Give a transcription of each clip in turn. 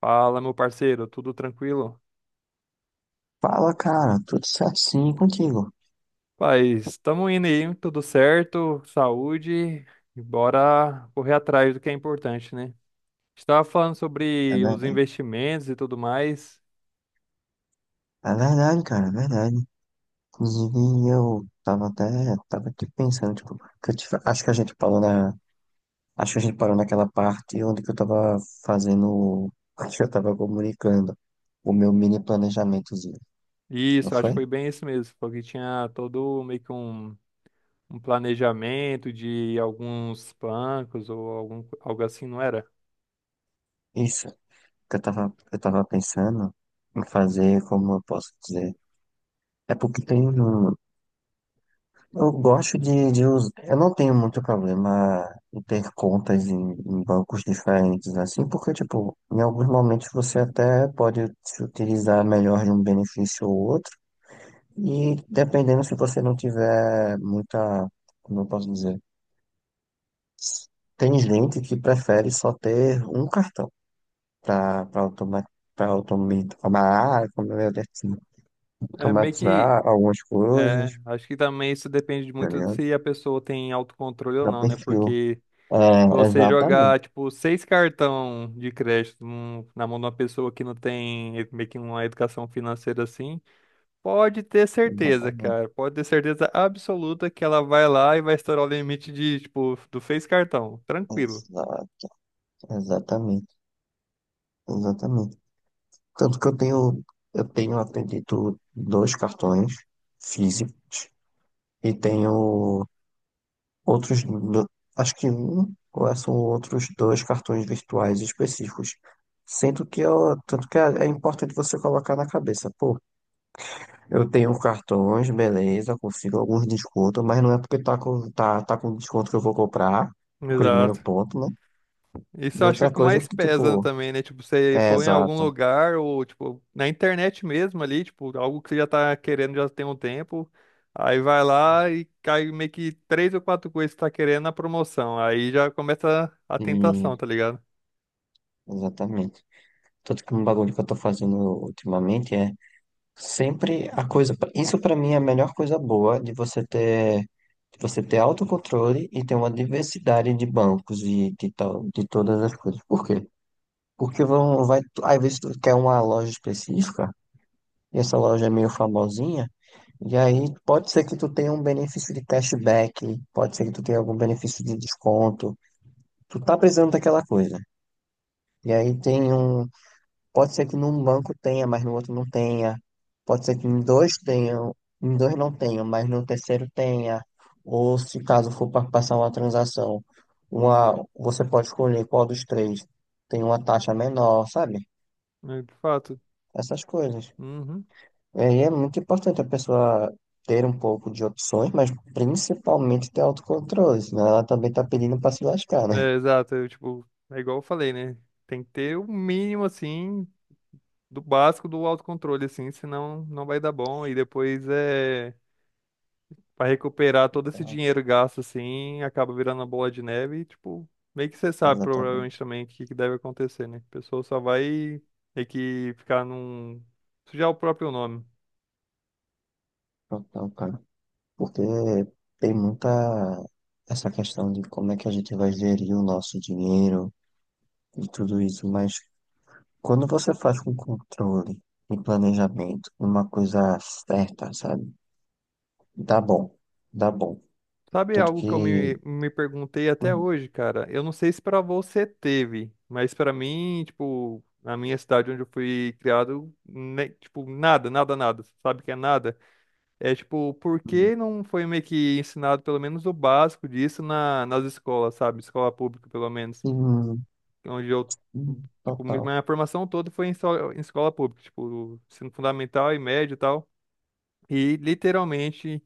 Fala, meu parceiro, tudo tranquilo? Fala, cara, tudo certo sim contigo. Paz, estamos indo aí, tudo certo, saúde, e bora correr atrás do que é importante, né? Estava falando É sobre os verdade. investimentos e tudo mais. É verdade, cara, é verdade. Inclusive, eu tava até, tava aqui pensando, tipo, que eu te fa- acho que a gente parou naquela parte onde que eu tava fazendo, acho que eu tava comunicando o meu mini planejamentozinho, não Isso, acho que foi? foi bem isso mesmo, porque tinha todo meio que um planejamento de alguns bancos ou algo assim, não era? Isso, que eu tava pensando em fazer, como eu posso dizer, é porque tem um. Eu gosto de usar. Eu não tenho muito problema em ter contas em bancos diferentes, assim, porque, tipo, em alguns momentos você até pode se utilizar melhor de um benefício ou outro, e dependendo se você não tiver muita, como eu posso dizer, tem gente que prefere só ter um cartão para automa, para automatizar, como eu disse, É meio que automatizar algumas coisas, É, acho que também isso depende tá muito de ligado? se a pessoa tem autocontrole ou Para não, né? perfil. Porque É, se você exatamente. jogar, tipo, seis cartão de crédito na mão de uma pessoa que não tem meio que uma educação financeira assim, pode ter certeza, Exatamente, cara. Pode ter certeza absoluta que ela vai lá e vai estourar o limite de, tipo, do seis cartão. Tranquilo. exa- exatamente, exatamente. Tanto que eu tenho, acredito, dois cartões físicos e tenho outros, acho que um, ou é, são outros dois cartões virtuais específicos. Sendo que eu, tanto que é importante você colocar na cabeça, pô, eu tenho cartões, beleza, consigo alguns descontos, mas não é porque tá com desconto que eu vou comprar, primeiro Exato. ponto, né? Isso E eu acho que é o outra que coisa é mais que, pesa tipo, também, né? Tipo, você é for em algum exato. lugar ou, tipo, na internet mesmo ali, tipo, algo que você já tá querendo já tem um tempo, aí vai lá e cai meio que três ou quatro coisas que tá querendo na promoção. Aí já começa a tentação, E, tá ligado? exatamente. Tanto que um bagulho que eu tô fazendo ultimamente é sempre a coisa. Isso pra mim é a melhor coisa boa de você ter autocontrole e ter uma diversidade de bancos e de, tal, de todas as coisas. Por quê? Porque vai, às vezes tu quer uma loja específica e essa loja é meio famosinha. E aí pode ser que tu tenha um benefício de cashback, pode ser que tu tenha algum benefício de desconto. Tu tá precisando daquela coisa. E aí tem um. Pode ser que num banco tenha, mas no outro não tenha. Pode ser que em dois tenham, em dois não tenham, mas no terceiro tenha. Ou se caso for para passar uma transação, uma, você pode escolher qual dos três tem uma taxa menor, sabe? É, de fato. Essas coisas. Uhum. E aí é muito importante a pessoa ter um pouco de opções, mas principalmente ter autocontrole, senão ela também tá pedindo para se lascar, né? É, exato. Eu, tipo, é igual eu falei, né? Tem que ter o mínimo, assim, do básico do autocontrole, assim, senão não vai dar bom. E depois é. Pra recuperar todo esse Então. dinheiro gasto assim, acaba virando uma bola de neve e, tipo, meio que você sabe provavelmente Exatamente. também o que que deve acontecer, né? A pessoa só vai meio que ficar num. Sujar o próprio nome. Então, cara, porque tem muita essa questão de como é que a gente vai gerir o nosso dinheiro e tudo isso, mas quando você faz com controle e planejamento, uma coisa certa, sabe? Dá bom, dá bom. Sabe Tanto algo que. que eu me perguntei até Hum. hoje, cara? Eu não sei se pra você teve, mas pra mim, tipo, na minha cidade onde eu fui criado, tipo, nada, nada, nada. Sabe o que é nada? É tipo, por Hum. que não foi meio que ensinado pelo menos o básico disso nas escolas, sabe? Escola pública, pelo menos. Hum. Onde eu, Hum. tipo, mi- Total. minha formação toda foi em escola pública, tipo, ensino fundamental e médio e tal. E literalmente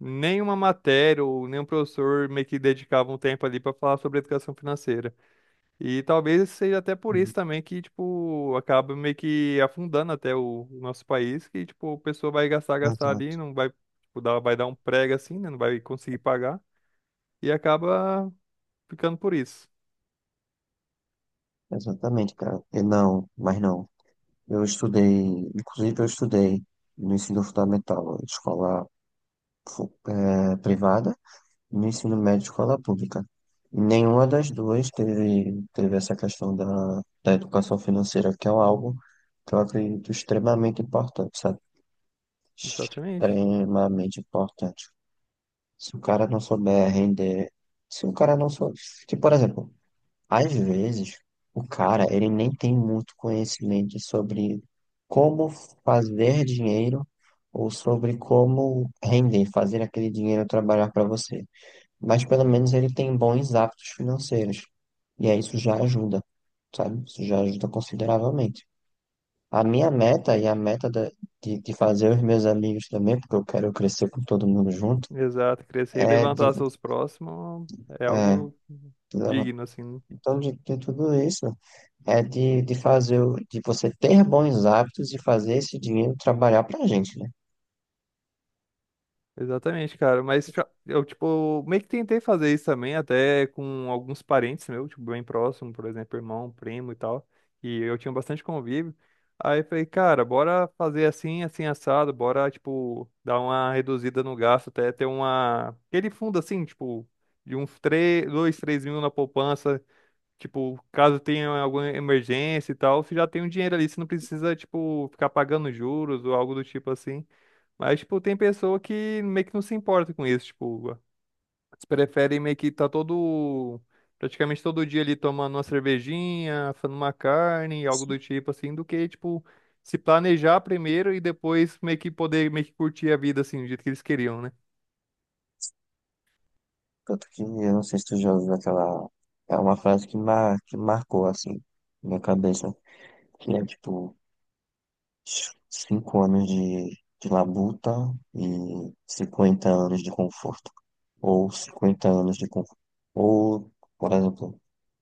nenhuma matéria ou nenhum professor meio que dedicava um tempo ali pra falar sobre educação financeira. E talvez seja até por isso Hum. também que, tipo, acaba meio que afundando até o nosso país, que, tipo, a pessoa vai gastar, gastar ali, Exato, não vai, tipo, vai dar um prego assim, né? Não vai conseguir pagar. E acaba ficando por isso. exatamente, cara. E não, mas não. Eu estudei, inclusive eu estudei no ensino fundamental, escola privada. No ensino médio, escola pública. E nenhuma das duas teve, teve essa questão da educação financeira, que é um algo que eu acredito extremamente importante, sabe? Exatamente. Extremamente importante. Se o cara não souber render, se o cara não souber. Que, por exemplo, às vezes, o cara, ele nem tem muito conhecimento sobre como fazer dinheiro ou sobre como render, fazer aquele dinheiro trabalhar para você, mas pelo menos ele tem bons hábitos financeiros. E aí isso já ajuda, sabe? Isso já ajuda consideravelmente. A minha meta e a meta de fazer os meus amigos também, porque eu quero crescer com todo mundo junto, Exato. Crescer e é de, levantar seus próximos é é, algo de levan- digno, assim, né? então de tudo isso, é de fazer, o- de você ter bons hábitos e fazer esse dinheiro trabalhar pra gente, né? Exatamente, cara. Eu, tipo, meio que tentei fazer isso também, até com alguns parentes meus, tipo, bem próximo, por exemplo, irmão, primo e tal. E eu tinha bastante convívio. Aí eu falei, cara, bora fazer assim, assim, assado, bora, tipo, dar uma reduzida no gasto, até ter uma. Aquele fundo assim, tipo, de uns três dois três mil na poupança. Tipo, caso tenha alguma emergência e tal, você já tem um dinheiro ali, você não precisa, tipo, ficar pagando juros ou algo do tipo assim. Mas, tipo, tem pessoa que meio que não se importa com isso, tipo, eles preferem meio que tá praticamente todo dia ali tomando uma cervejinha, fazendo uma carne, algo do tipo assim, do que, tipo, se planejar primeiro e depois meio que poder meio que curtir a vida, assim, do jeito que eles queriam, né? Tanto que eu não sei se tu já ouviu aquela, é uma frase que, mar, que marcou assim, na minha cabeça, que é tipo: 5 anos de labuta e 50 anos de conforto. Ou 50 anos de conforto. Ou, por exemplo,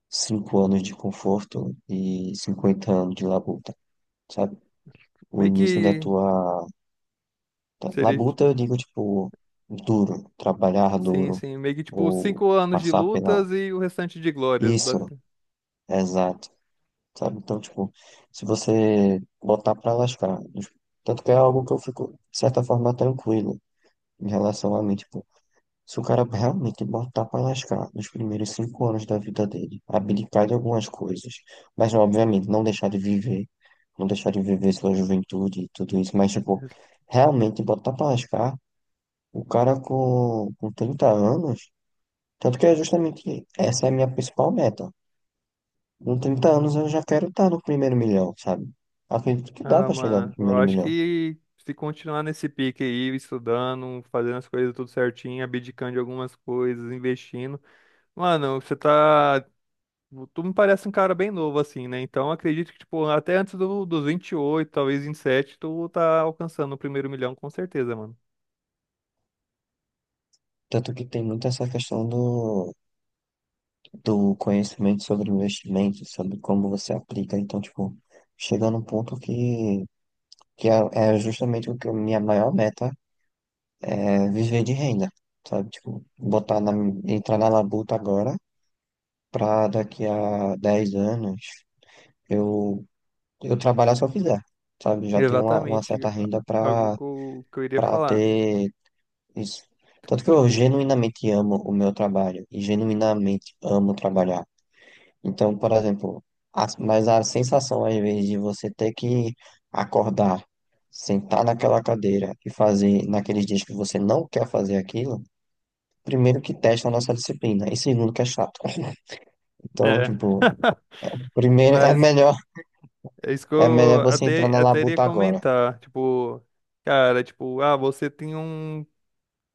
5 anos de conforto e 50 anos de labuta, sabe? O Meio início da que tua. Seria, Labuta, eu digo, tipo, duro, trabalhar sim, duro, sim, meio que, tipo, ou cinco anos de passar pela. lutas e o restante de glórias. Isso, exato, sabe? Então, tipo, se você botar pra lascar, tanto que é algo que eu fico, de certa forma, tranquilo em relação a mim, tipo, se o cara realmente botar pra lascar nos primeiros 5 anos da vida dele, abdicar de algumas coisas, mas obviamente não deixar de viver, não deixar de viver sua juventude e tudo isso, mas tipo, realmente botar pra lascar o cara com 30 anos, tanto que é justamente essa é a minha principal meta. Com 30 anos eu já quero estar no primeiro milhão, sabe? Acredito que dá Ah, pra chegar no mano, eu primeiro acho milhão. que se continuar nesse pique aí, estudando, fazendo as coisas tudo certinho, abdicando de algumas coisas, investindo. Mano, você tá. Tu me parece um cara bem novo, assim, né? Então acredito que, tipo, até antes dos 28, talvez 27, tu tá alcançando o primeiro milhão, com certeza, mano. Tanto que tem muito essa questão do do conhecimento sobre investimento, sobre como você aplica. Então, tipo, chega num ponto que é justamente o que a minha maior meta é viver de renda, sabe? Tipo, entrar na labuta agora pra daqui a 10 anos eu, eu trabalhar se eu quiser, sabe? Já tenho uma Exatamente. certa renda Algo pra, que que eu iria pra falar. ter isso. Tanto que eu Tipo, genuinamente amo o meu trabalho e genuinamente amo trabalhar. Então, por exemplo, mas a sensação às vezes de você ter que acordar, sentar naquela cadeira e fazer naqueles dias que você não quer fazer aquilo, primeiro que testa a nossa disciplina e segundo que é chato. Então, é. tipo, primeiro é Mas melhor é isso que é eu melhor você entrar até, na até iria labuta agora. comentar. Tipo, cara, tipo, ah, você tem um.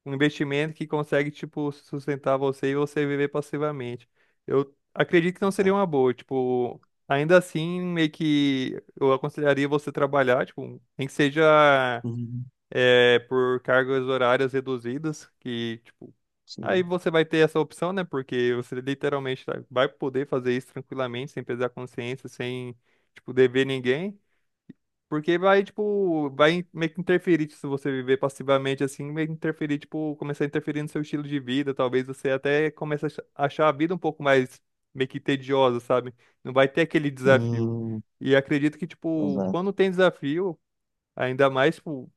Um investimento que consegue, tipo, sustentar você e você viver passivamente. Eu acredito que não seria Exato. uma boa, tipo, ainda assim, meio que eu aconselharia você trabalhar, tipo, nem que seja Sim, é, por cargas horárias reduzidas, que, tipo, aí sim. você vai ter essa opção, né? Porque você literalmente vai poder fazer isso tranquilamente, sem pesar consciência, sem, tipo, dever ninguém. Porque vai, tipo, vai meio que interferir tipo, se você viver passivamente assim, meio que interferir, tipo, começar a interferir no seu estilo de vida. Talvez você até comece a achar a vida um pouco mais meio que tediosa, sabe? Não vai ter aquele desafio. Sim, E acredito que, tipo, exato. quando tem desafio, ainda mais, tipo,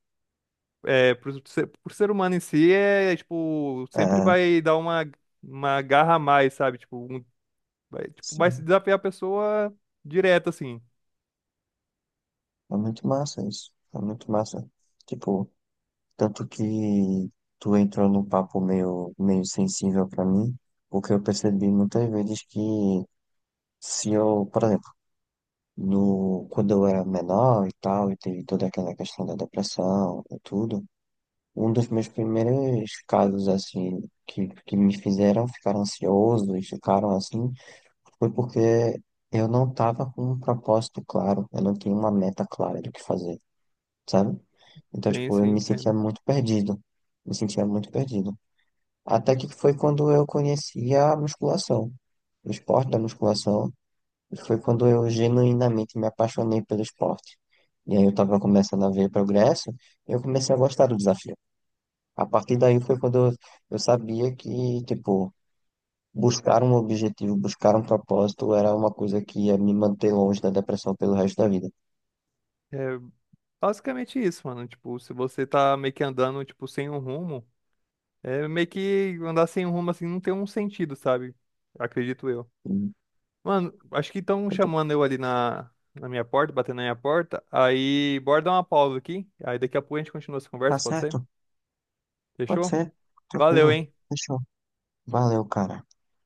é, pro ser humano em si, é, tipo, sempre É, vai dar uma garra a mais, sabe? Tipo, um, vai, tipo, vai se sim. desafiar a pessoa direto, assim. É muito massa isso. É muito massa. Tipo. Tanto que tu entrou num papo meio sensível para mim, porque eu percebi muitas vezes que se eu, por exemplo, no, quando eu era menor e tal, e teve toda aquela questão da depressão e tudo, um dos meus primeiros casos, assim, que me fizeram ficar ansioso e ficaram assim, foi porque eu não tava com um propósito claro, eu não tinha uma meta clara do que fazer, sabe? Então, Sim, tipo, eu sim, me sentia entendo. muito perdido, me sentia muito perdido. Até que foi quando eu conheci a musculação, o esporte da musculação. E foi quando eu genuinamente me apaixonei pelo esporte. E aí eu estava começando a ver progresso, e eu comecei a gostar do desafio. A partir daí foi quando eu sabia que, tipo, buscar um objetivo, buscar um propósito era uma coisa que ia me manter longe da depressão pelo resto da vida. É, basicamente isso, mano. Tipo, se você tá meio que andando, tipo, sem um rumo, é meio que andar sem um rumo assim não tem um sentido, sabe? Acredito eu. E. Mano, acho que estão chamando eu ali na minha porta, batendo na minha porta. Aí, bora dar uma pausa aqui. Aí daqui a pouco a gente continua essa Tá conversa, pode ser? certo? Pode Fechou? ser. Valeu, Tranquilo. hein? Fechou. Valeu, cara.